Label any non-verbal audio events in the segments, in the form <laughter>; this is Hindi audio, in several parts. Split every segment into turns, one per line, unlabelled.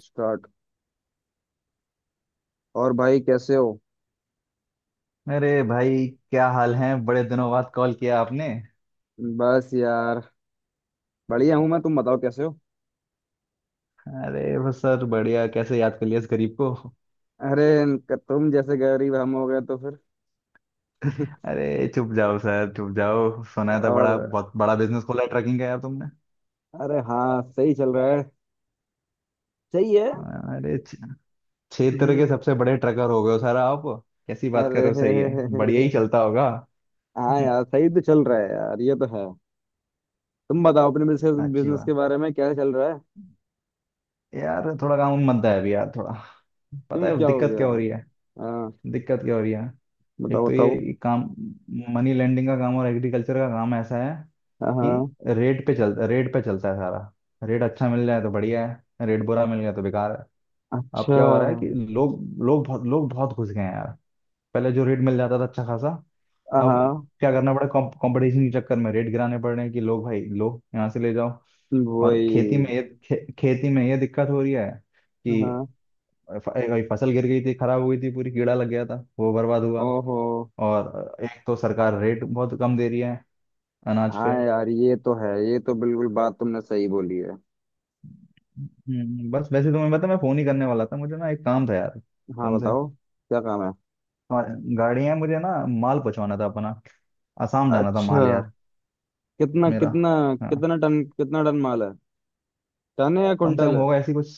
स्टार्ट। और भाई कैसे हो?
अरे भाई क्या हाल है। बड़े दिनों बाद कॉल किया आपने।
बस यार। बढ़िया हूँ मैं, तुम बताओ कैसे हो?
अरे बस सर बढ़िया। कैसे याद कर लिया इस गरीब को?
अरे, तुम जैसे गरीब हम हो गए तो फिर।
<laughs>
<laughs>
अरे चुप जाओ सर चुप जाओ। सुना था बड़ा
और
बहुत बड़ा बिजनेस खोला है ट्रकिंग का यार तुमने।
अरे हाँ, सही चल रहा है। सही है।
अरे क्षेत्र के
हम्म।
सबसे बड़े ट्रकर हो गए हो सर आप। कैसी बात कर
अरे
रहे हो? सही है बढ़िया ही
<laughs>
चलता होगा।
हाँ
<laughs>
यार, सही तो चल रहा है यार, ये तो है। तुम बताओ अपने
अच्छी
बिजनेस के
बात।
बारे में क्या चल रहा है?
यार थोड़ा काम मंदा है अभी यार थोड़ा। पता
क्यों,
है
क्या हो
दिक्कत
गया?
क्या हो रही है?
हाँ,
दिक्कत क्या हो रही है? एक
बताओ
तो
बताओ।
ये काम मनी लेंडिंग का काम और एग्रीकल्चर का काम ऐसा है कि
हाँ।
रेट पे चलता है सारा। रेट अच्छा मिल जाए तो बढ़िया है रेट बुरा मिल गया तो बेकार है। अब
अच्छा।
क्या हो रहा है कि लोग लोग बहुत घुस गए हैं यार। पहले जो रेट मिल जाता था अच्छा खासा अब
हाँ।
क्या करना पड़ा कंपटीशन के चक्कर में रेट गिराने पड़ रहे हैं कि लोग भाई लो यहाँ से ले जाओ। और
वही।
खेती में ये खेती में ये दिक्कत हो रही है कि
हाँ।
एक फसल गिर गई थी खराब हो गई थी पूरी कीड़ा लग गया था वो बर्बाद हुआ।
ओहो।
और एक तो सरकार रेट बहुत कम दे रही है अनाज
हाँ
पे।
यार, ये तो है, ये तो बिल्कुल बात तुमने सही बोली है।
बस वैसे तुम्हें पता मैं फोन ही करने वाला था मुझे ना एक काम था यार
हाँ,
तुमसे।
बताओ क्या काम है।
हमारे- गाड़ी है मुझे ना माल पहुंचवाना था अपना आसाम जाना था
अच्छा।
माल यार।
कितना
मेरा
कितना?
हाँ।
कितना टन माल है? टन है या
कम से कम
कुंटल है?
होगा ऐसी कुछ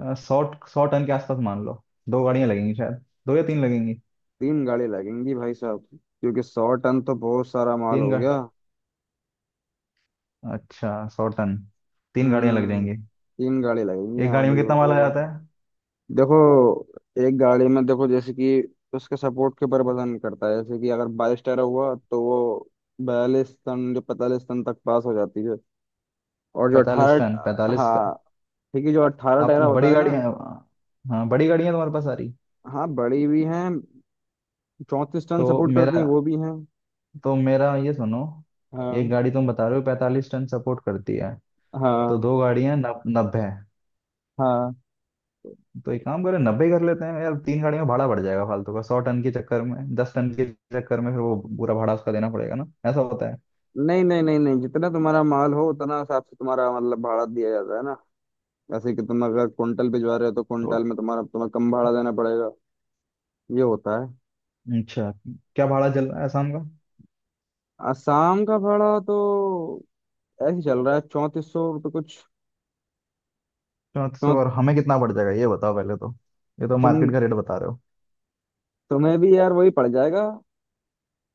100 100 टन के आसपास मान लो। दो गाड़ियां लगेंगी शायद दो या तीन लगेंगी।
तीन गाड़ी लगेंगी भाई साहब, क्योंकि 100 टन तो बहुत सारा माल
तीन
हो
गा
गया।
अच्छा 100 टन तीन गाड़ियां लग
हम्म।
जाएंगी।
तीन गाड़ी लगेंगी,
एक
हाँ
गाड़ी में
बिल्कुल
कितना माल
सही
आ
बात
जाता
है।
है?
देखो, एक गाड़ी में देखो, जैसे कि उसके सपोर्ट के ऊपर वजन करता है। जैसे कि अगर 22 टायर हुआ तो वो 42 टन, जो 45 टन तक पास हो जाती है। और जो
पैंतालीस टन
18,
पैंतालीस
हाँ, ठीक है, जो अट्ठारह
आप
टायरा होता
बड़ी
है ना।
गाड़ियां। हाँ बड़ी गाड़ियां तुम्हारे पास आ रही।
हाँ बड़ी भी हैं, 34 टन
तो
सपोर्ट करती हैं,
मेरा
वो भी हैं।
तो मेरा ये सुनो। एक
हाँ।
गाड़ी तुम बता रहे हो 45 टन सपोर्ट करती है। तो
हाँ।
दो गाड़ियां 90।
हाँ,
तो एक काम करें 90 ही कर लेते हैं यार तीन गाड़ियों का भाड़ा बढ़ जाएगा फालतू का 100 टन के चक्कर में 10 टन के चक्कर में फिर वो पूरा भाड़ा उसका देना पड़ेगा ना ऐसा होता है।
नहीं नहीं नहीं नहीं, जितना तुम्हारा माल हो उतना हिसाब से तुम्हारा मतलब भाड़ा दिया जाता है ना। जैसे कि तुम अगर कुंटल भिजवा रहे हो तो
तो
कुंटल में तुम्हारा, तुम्हें कम भाड़ा देना पड़ेगा। ये होता है।
अच्छा क्या भाड़ा चल रहा है शाम का?
आसाम का भाड़ा तो ऐसे ही चल रहा है, 3400 रुपये कुछ।
3400
चौ-
और हमें कितना बढ़ जाएगा ये बताओ पहले तो। ये तो मार्केट
तुम,
का रेट बता रहे हो।
तुम्हें भी यार वही पड़ जाएगा।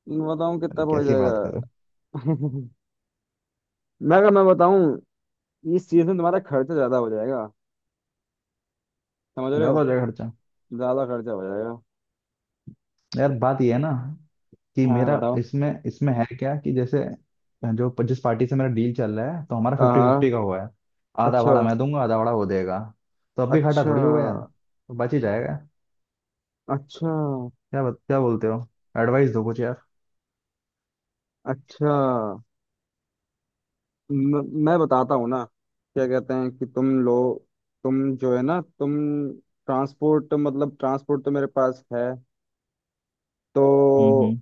मैं बताऊं
अरे
कितना पड़
कैसी बात
जाएगा?
करो।
<laughs> मैं, अगर मैं बताऊं, इस चीज में तुम्हारा खर्चा ज्यादा हो जाएगा। समझ रहे हो?
ज्यादा हो जाएगा खर्चा।
ज्यादा खर्चा हो जाएगा।
यार बात ये है ना कि
हाँ,
मेरा
बताओ।
इसमें इसमें है क्या कि जैसे जो जिस पार्टी से मेरा डील चल रहा है तो हमारा फिफ्टी
हाँ।
फिफ्टी का हुआ है। आधा भाड़ा
अच्छा।
मैं दूंगा आधा भाड़ा वो देगा। तो अब भी घाटा
अच्छा।
थोड़ी होगा यार तो बच ही जाएगा।
अच्छा।
क्या बोलते हो? एडवाइस दो कुछ यार।
अच्छा। मैं बताता हूँ ना। क्या कहते हैं कि तुम लोग, तुम जो है ना, तुम ट्रांसपोर्ट, मतलब ट्रांसपोर्ट तो मेरे पास है।
हम्म
तो
हम्म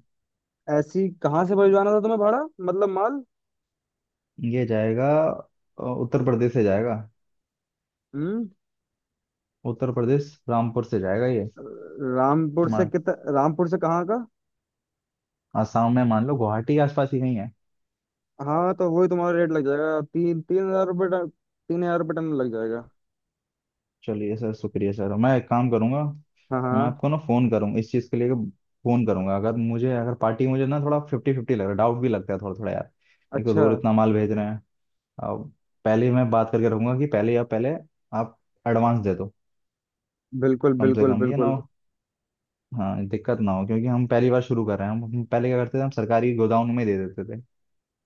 ऐसी कहाँ से भिजवाना था तुम्हें भाड़ा, मतलब माल?
ये जाएगा उत्तर प्रदेश से जाएगा।
हम्म।
उत्तर प्रदेश रामपुर से जाएगा ये।
रामपुर से
मान
कितना? रामपुर से कहाँ का?
आसाम में मान लो गुवाहाटी के आसपास ही कहीं है।
हाँ, तो वही तुम्हारा रेट लग जाएगा, तीन तीन हजार रुपये टन। 3000 रुपये टन लग जाएगा।
चलिए सर शुक्रिया सर मैं एक काम करूंगा।
हाँ
मैं
हाँ।
आपको ना फोन करूंगा इस चीज के लिए फोन करूंगा अगर मुझे अगर पार्टी मुझे ना थोड़ा 50-50 लग रहा है डाउट भी लगता है थोड़ा थोड़ा यार। एक तो
अच्छा।
दूर इतना माल भेज रहे हैं अब पहले ही मैं बात करके रखूंगा कि पहले या पहले आप एडवांस दे दो।
बिल्कुल
कम से
बिल्कुल
कम ये ना
बिल्कुल।
हो। हाँ दिक्कत ना हो क्योंकि हम पहली बार शुरू कर रहे हैं हम पहले क्या करते थे हम सरकारी गोदाम में ही दे देते थे।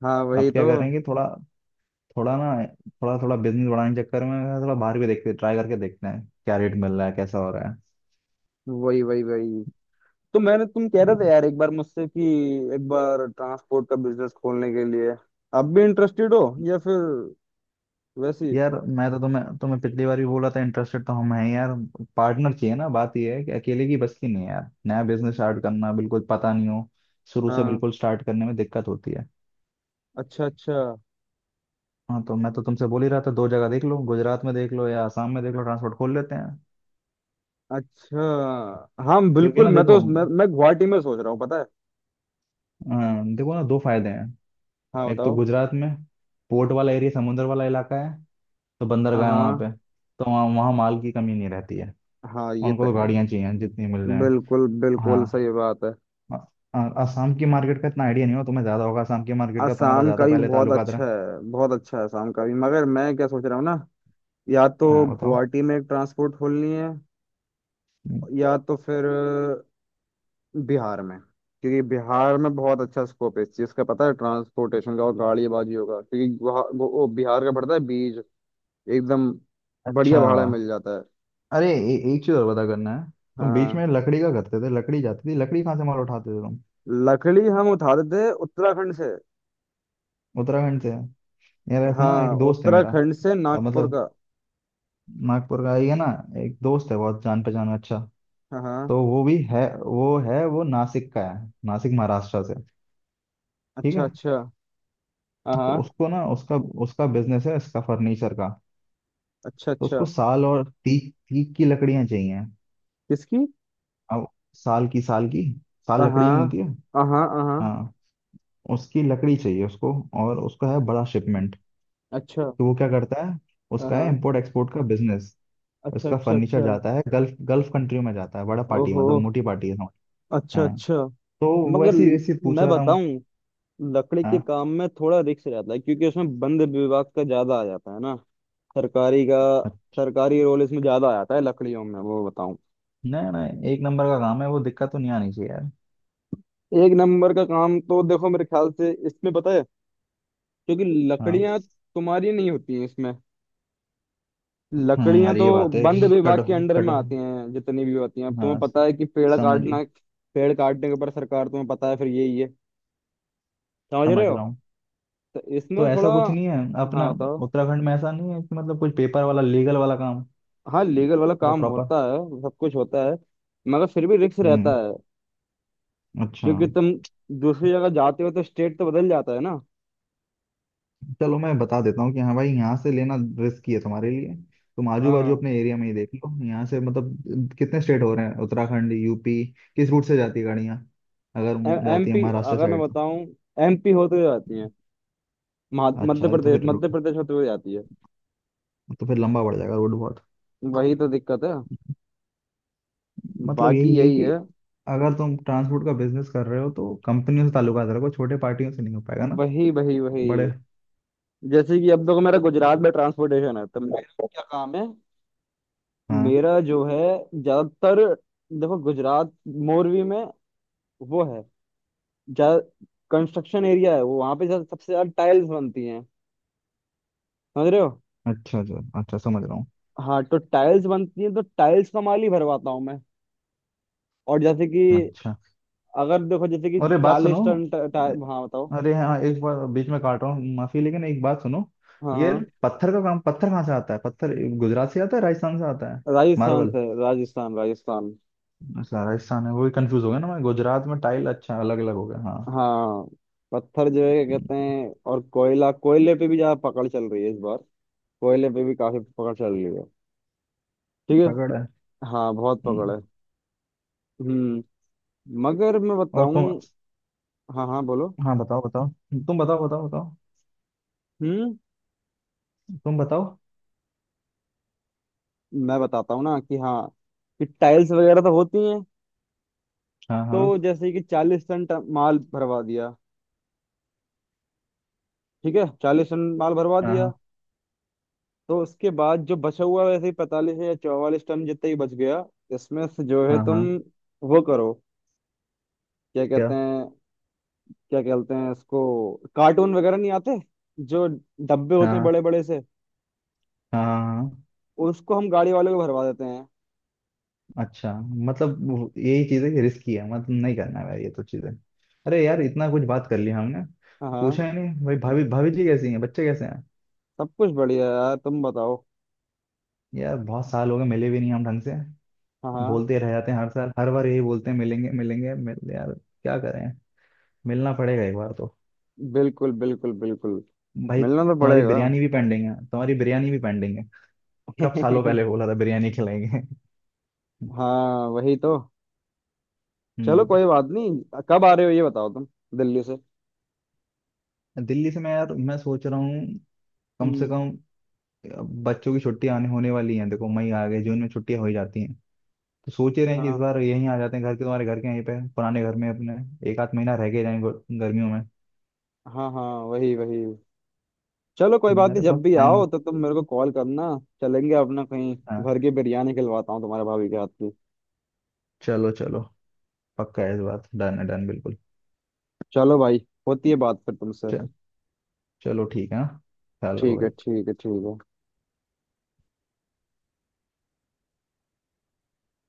हाँ वही
अब क्या
तो।
कर रहे हैं कि थोड़ा थोड़ा ना थोड़ा थोड़ा बिजनेस बढ़ाने के चक्कर में थोड़ा बाहर भी देखते ट्राई करके देखते हैं क्या रेट मिल रहा है कैसा हो रहा है।
वही वही वही। तो मैंने, तुम कह रहे थे यार एक बार मुझसे कि एक बार ट्रांसपोर्ट का बिजनेस खोलने के लिए, अब भी इंटरेस्टेड हो या फिर वैसी।
यार मैं तो तुम्हें तुम्हें पिछली बार भी बोला था इंटरेस्टेड तो हम हैं यार। पार्टनर चाहिए ना बात ये है कि अकेले की बस की नहीं है यार नया बिजनेस स्टार्ट करना बिल्कुल पता नहीं हो। शुरू से
हाँ।
बिल्कुल स्टार्ट करने में दिक्कत होती है।
अच्छा अच्छा
हाँ तो मैं तो तुमसे बोल ही रहा था दो जगह देख लो गुजरात में देख लो या आसाम में देख लो ट्रांसपोर्ट खोल लेते हैं।
अच्छा। हाँ
क्योंकि
बिल्कुल,
ना
मैं तो
देखो
मैं गुवाहाटी में सोच रहा हूँ, पता है।
अ, देखो ना दो फायदे हैं।
हाँ
एक तो
बताओ।
गुजरात में पोर्ट वाला एरिया समुद्र वाला इलाका है तो बंदरगाह है वहाँ
हाँ।
पे। तो वहाँ वहाँ माल की कमी नहीं रहती है।
हाँ ये
उनको
तो
तो
है।
गाड़ियाँ चाहिए जितनी मिल जाए।
बिल्कुल बिल्कुल
हाँ।
सही बात है।
आ- आसाम की मार्केट का इतना आइडिया नहीं हो तुम्हें ज्यादा होगा आसाम की मार्केट का तुम्हारा
असम का
ज्यादा
भी
पहले
बहुत
ताल्लुकात
अच्छा
रहा।
है, बहुत अच्छा है असम का भी, मगर मैं क्या सोच रहा हूँ ना, या तो
हाँ बताओ।
गुवाहाटी में एक ट्रांसपोर्ट खोलनी है,
हम्म।
या तो फिर बिहार में। क्योंकि बिहार में बहुत अच्छा स्कोप है इस चीज का पता है, ट्रांसपोर्टेशन का। और गाड़ीबाजी होगा, क्योंकि वहाँ वो बिहार का पड़ता है बीज, एकदम बढ़िया
अच्छा
भाड़ा में मिल जाता है।
अरे एक चीज और पता करना है। तुम बीच
हाँ।
में लकड़ी का करते थे लकड़ी जाती थी लकड़ी कहाँ से माल उठाते थे तुम?
लकड़ी हम उठाते थे उत्तराखंड से।
उत्तराखंड से। यार ऐसा ना
हाँ,
एक दोस्त है मेरा
उत्तराखंड से
अब
नागपुर
मतलब
का।
नागपुर का ही है ना। एक दोस्त है बहुत जान पहचान में अच्छा।
हाँ हाँ।
तो वो भी है वो नासिक का है नासिक महाराष्ट्र से। ठीक
अच्छा
है।
अच्छा। हाँ
तो
हाँ।
उसको ना उसका उसका बिजनेस है इसका फर्नीचर का।
अच्छा
तो
अच्छा।
उसको साल और तीक तीक की लकड़ियां चाहिए।
किसकी?
अब साल की साल की। साल
हाँ
लकड़ी नहीं
हाँ।
होती है।
हाँ हाँ।
हाँ उसकी लकड़ी चाहिए उसको और उसका है बड़ा शिपमेंट।
अच्छा।
तो वो क्या करता है
हाँ
उसका है
हाँ।
इम्पोर्ट एक्सपोर्ट का बिजनेस।
अच्छा
उसका
अच्छा
फर्नीचर
अच्छा।
जाता है गल्फ गल्फ कंट्री में जाता है बड़ा पार्टी
ओहो।
मतलब मोटी पार्टी है समझ।
अच्छा
हाँ
अच्छा।
तो
मगर
वैसे वैसे पूछ
मैं
रहा था मैं।
बताऊं, लकड़ी के
हाँ
काम में थोड़ा रिस्क रहता है, क्योंकि उसमें बंद विभाग का ज्यादा आ जाता है ना। सरकारी का। सरकारी रोल इसमें ज्यादा आ जाता है लकड़ियों में, वो बताऊं।
नहीं नहीं एक नंबर का काम है वो दिक्कत तो नहीं आनी चाहिए यार।
एक नंबर का काम तो देखो मेरे ख्याल से इसमें, पता है, क्योंकि
हाँ।
लकड़ियां तुम्हारी नहीं होती हैं इसमें। लकड़ियां
अरे
तो
ये बात है
बंद
कि
विभाग
कट
के अंडर
कट
में आती हैं जितनी भी होती हैं। अब तुम्हें
हाँ
पता है कि पेड़
समझ।
काटना, पेड़ काटने के ऊपर सरकार, तुम्हें पता है, फिर यही है। समझ रहे
समझ
हो?
रहा हूँ।
तो
तो
इसमें थोड़ा।
ऐसा कुछ नहीं है अपना
हाँ बताओ।
उत्तराखंड में ऐसा नहीं है कि मतलब कुछ पेपर वाला लीगल वाला काम
हाँ, लीगल वाला
पूरा
काम
प्रॉपर।
होता है। सब कुछ होता है, मगर फिर भी रिस्क रहता
हम्म।
है।
अच्छा।
क्योंकि तुम दूसरी जगह जाते हो तो स्टेट तो बदल जाता है ना।
चलो मैं बता देता हूँ कि हाँ भाई यहाँ से लेना रिस्की है तुम्हारे लिए। तुम आजू बाजू
हाँ।
अपने एरिया में ही देख लो यहाँ से मतलब कितने स्टेट हो रहे हैं उत्तराखंड यूपी किस रूट से जाती है गाड़ियाँ अगर जाती है
MP,
महाराष्ट्र
अगर मैं
साइड तो।
बताऊं MP होते हुए जाती है। मध्य
अच्छा अरे
प्रदेश, मध्य प्रदेश होते हुए जाती है।
तो फिर लंबा पड़ जाएगा रोड बहुत।
वही तो दिक्कत है।
मतलब
बाकी
यही है
यही
कि
है।
अगर तुम ट्रांसपोर्ट का बिजनेस कर रहे हो तो कंपनियों से ताल्लुकात रखो छोटे पार्टियों से नहीं हो पाएगा ना
वही वही
बड़े।
वही। जैसे कि अब देखो मेरा गुजरात में ट्रांसपोर्टेशन है, तो मेरा क्या काम है?
हाँ
मेरा जो है, ज्यादातर, देखो गुजरात मोरवी में वो है ज्यादा, कंस्ट्रक्शन एरिया है वो, वहां पे ज्यादा, सबसे ज्यादा टाइल्स बनती हैं। समझ रहे हो?
अच्छा अच्छा अच्छा समझ रहा हूँ।
हाँ, तो टाइल्स बनती हैं तो टाइल्स का माल ही भरवाता हूँ मैं। और जैसे कि,
अच्छा
अगर देखो जैसे कि
अरे बात सुनो।
40 टन टा, टा, हाँ बताओ।
अरे हाँ एक बार बीच में काट रहा हूँ माफी लेकिन एक बात सुनो।
हाँ
ये
हाँ।
पत्थर का काम पत्थर कहाँ से आता है? पत्थर गुजरात से आता है राजस्थान से आता है
राजस्थान
मार्बल।
से, राजस्थान, राजस्थान।
अच्छा राजस्थान है वही कंफ्यूज हो गया ना मैं गुजरात में टाइल अच्छा अलग अलग हो गया हाँ।
हाँ। पत्थर जो है, क्या
हम्म,
कहते हैं, और कोयला, कोयले पे भी ज्यादा पकड़ चल रही है इस बार। कोयले पे भी काफी पकड़ चल रही है। ठीक
तगड़
है।
है।
हाँ, बहुत पकड़
हम्म,
है। हम्म। मगर मैं
और तुम।
बताऊं। हाँ हाँ, बोलो।
हाँ बताओ बताओ। तुम बताओ बताओ बताओ।
हम्म।
तुम बताओ।
मैं बताता हूँ ना कि हाँ, कि टाइल्स वगैरह तो होती हैं।
हाँ
तो
हाँ।
जैसे कि चालीस टन माल भरवा दिया, ठीक है, 40 टन माल भरवा
हाँ
दिया।
हाँ।
तो उसके बाद जो बचा हुआ, वैसे ही 45 या 44 टन जितना ही बच गया। इसमें से जो है
हाँ
तुम
हाँ।
वो करो। क्या
क्या?
कहते हैं, क्या कहते हैं इसको, कार्टून वगैरह नहीं आते, जो डब्बे होते
हाँ
हैं
हाँ।
बड़े बड़े से?
हाँ हाँ, हाँ।
उसको हम गाड़ी वाले को भरवा देते हैं।
अच्छा मतलब यही चीज है कि रिस्की है मतलब नहीं करना है भाई ये तो चीजें। अरे यार इतना कुछ बात कर लिया हमने
हाँ हाँ।
पूछा ही नहीं भाई भाभी भाभी जी कैसी हैं बच्चे कैसे हैं।
सब कुछ बढ़िया है यार, तुम बताओ।
यार बहुत साल हो गए मिले भी नहीं हम ढंग से।
हाँ हाँ।
बोलते रह जाते हैं हर साल हर बार यही बोलते हैं मिलेंगे मिलेंगे मिल यार। क्या करें। मिलना पड़ेगा एक बार तो।
बिल्कुल बिल्कुल बिल्कुल।
भाई
मिलना तो
तुम्हारी
पड़ेगा।
बिरयानी भी पेंडिंग है तुम्हारी बिरयानी भी पेंडिंग है। कब सालों
<laughs>
पहले बोला था बिरयानी खिलाएंगे। <laughs>
हाँ वही तो। चलो
हम्म
कोई बात नहीं, कब आ रहे हो ये बताओ तुम? दिल्ली से?
दिल्ली से मैं यार मैं सोच रहा हूँ कम से
हम्म।
कम अब बच्चों की छुट्टियां आने होने वाली हैं देखो मई आ गए जून में छुट्टियां हो ही जाती हैं। तो सोच ही रहे हैं कि इस
हाँ
बार यहीं आ जाते हैं घर के तुम्हारे घर के यहीं पे पुराने घर में अपने एक आध महीना रह गए जाएंगे गर्मियों में।
हाँ। हाँ वही वही। चलो कोई बात नहीं,
मेरे पास
जब भी आओ
टाइम।
तो तुम मेरे को कॉल करना। चलेंगे अपना कहीं,
हाँ
घर की बिरयानी खिलवाता हूँ तुम्हारे भाभी के हाथ की।
चलो चलो। पक्का है इस बार डन है डन बिल्कुल।
चलो भाई, होती है बात फिर तुमसे।
चल चलो ठीक है हाँ? ख्याल रखो
ठीक है
भाई।
ठीक है ठीक है।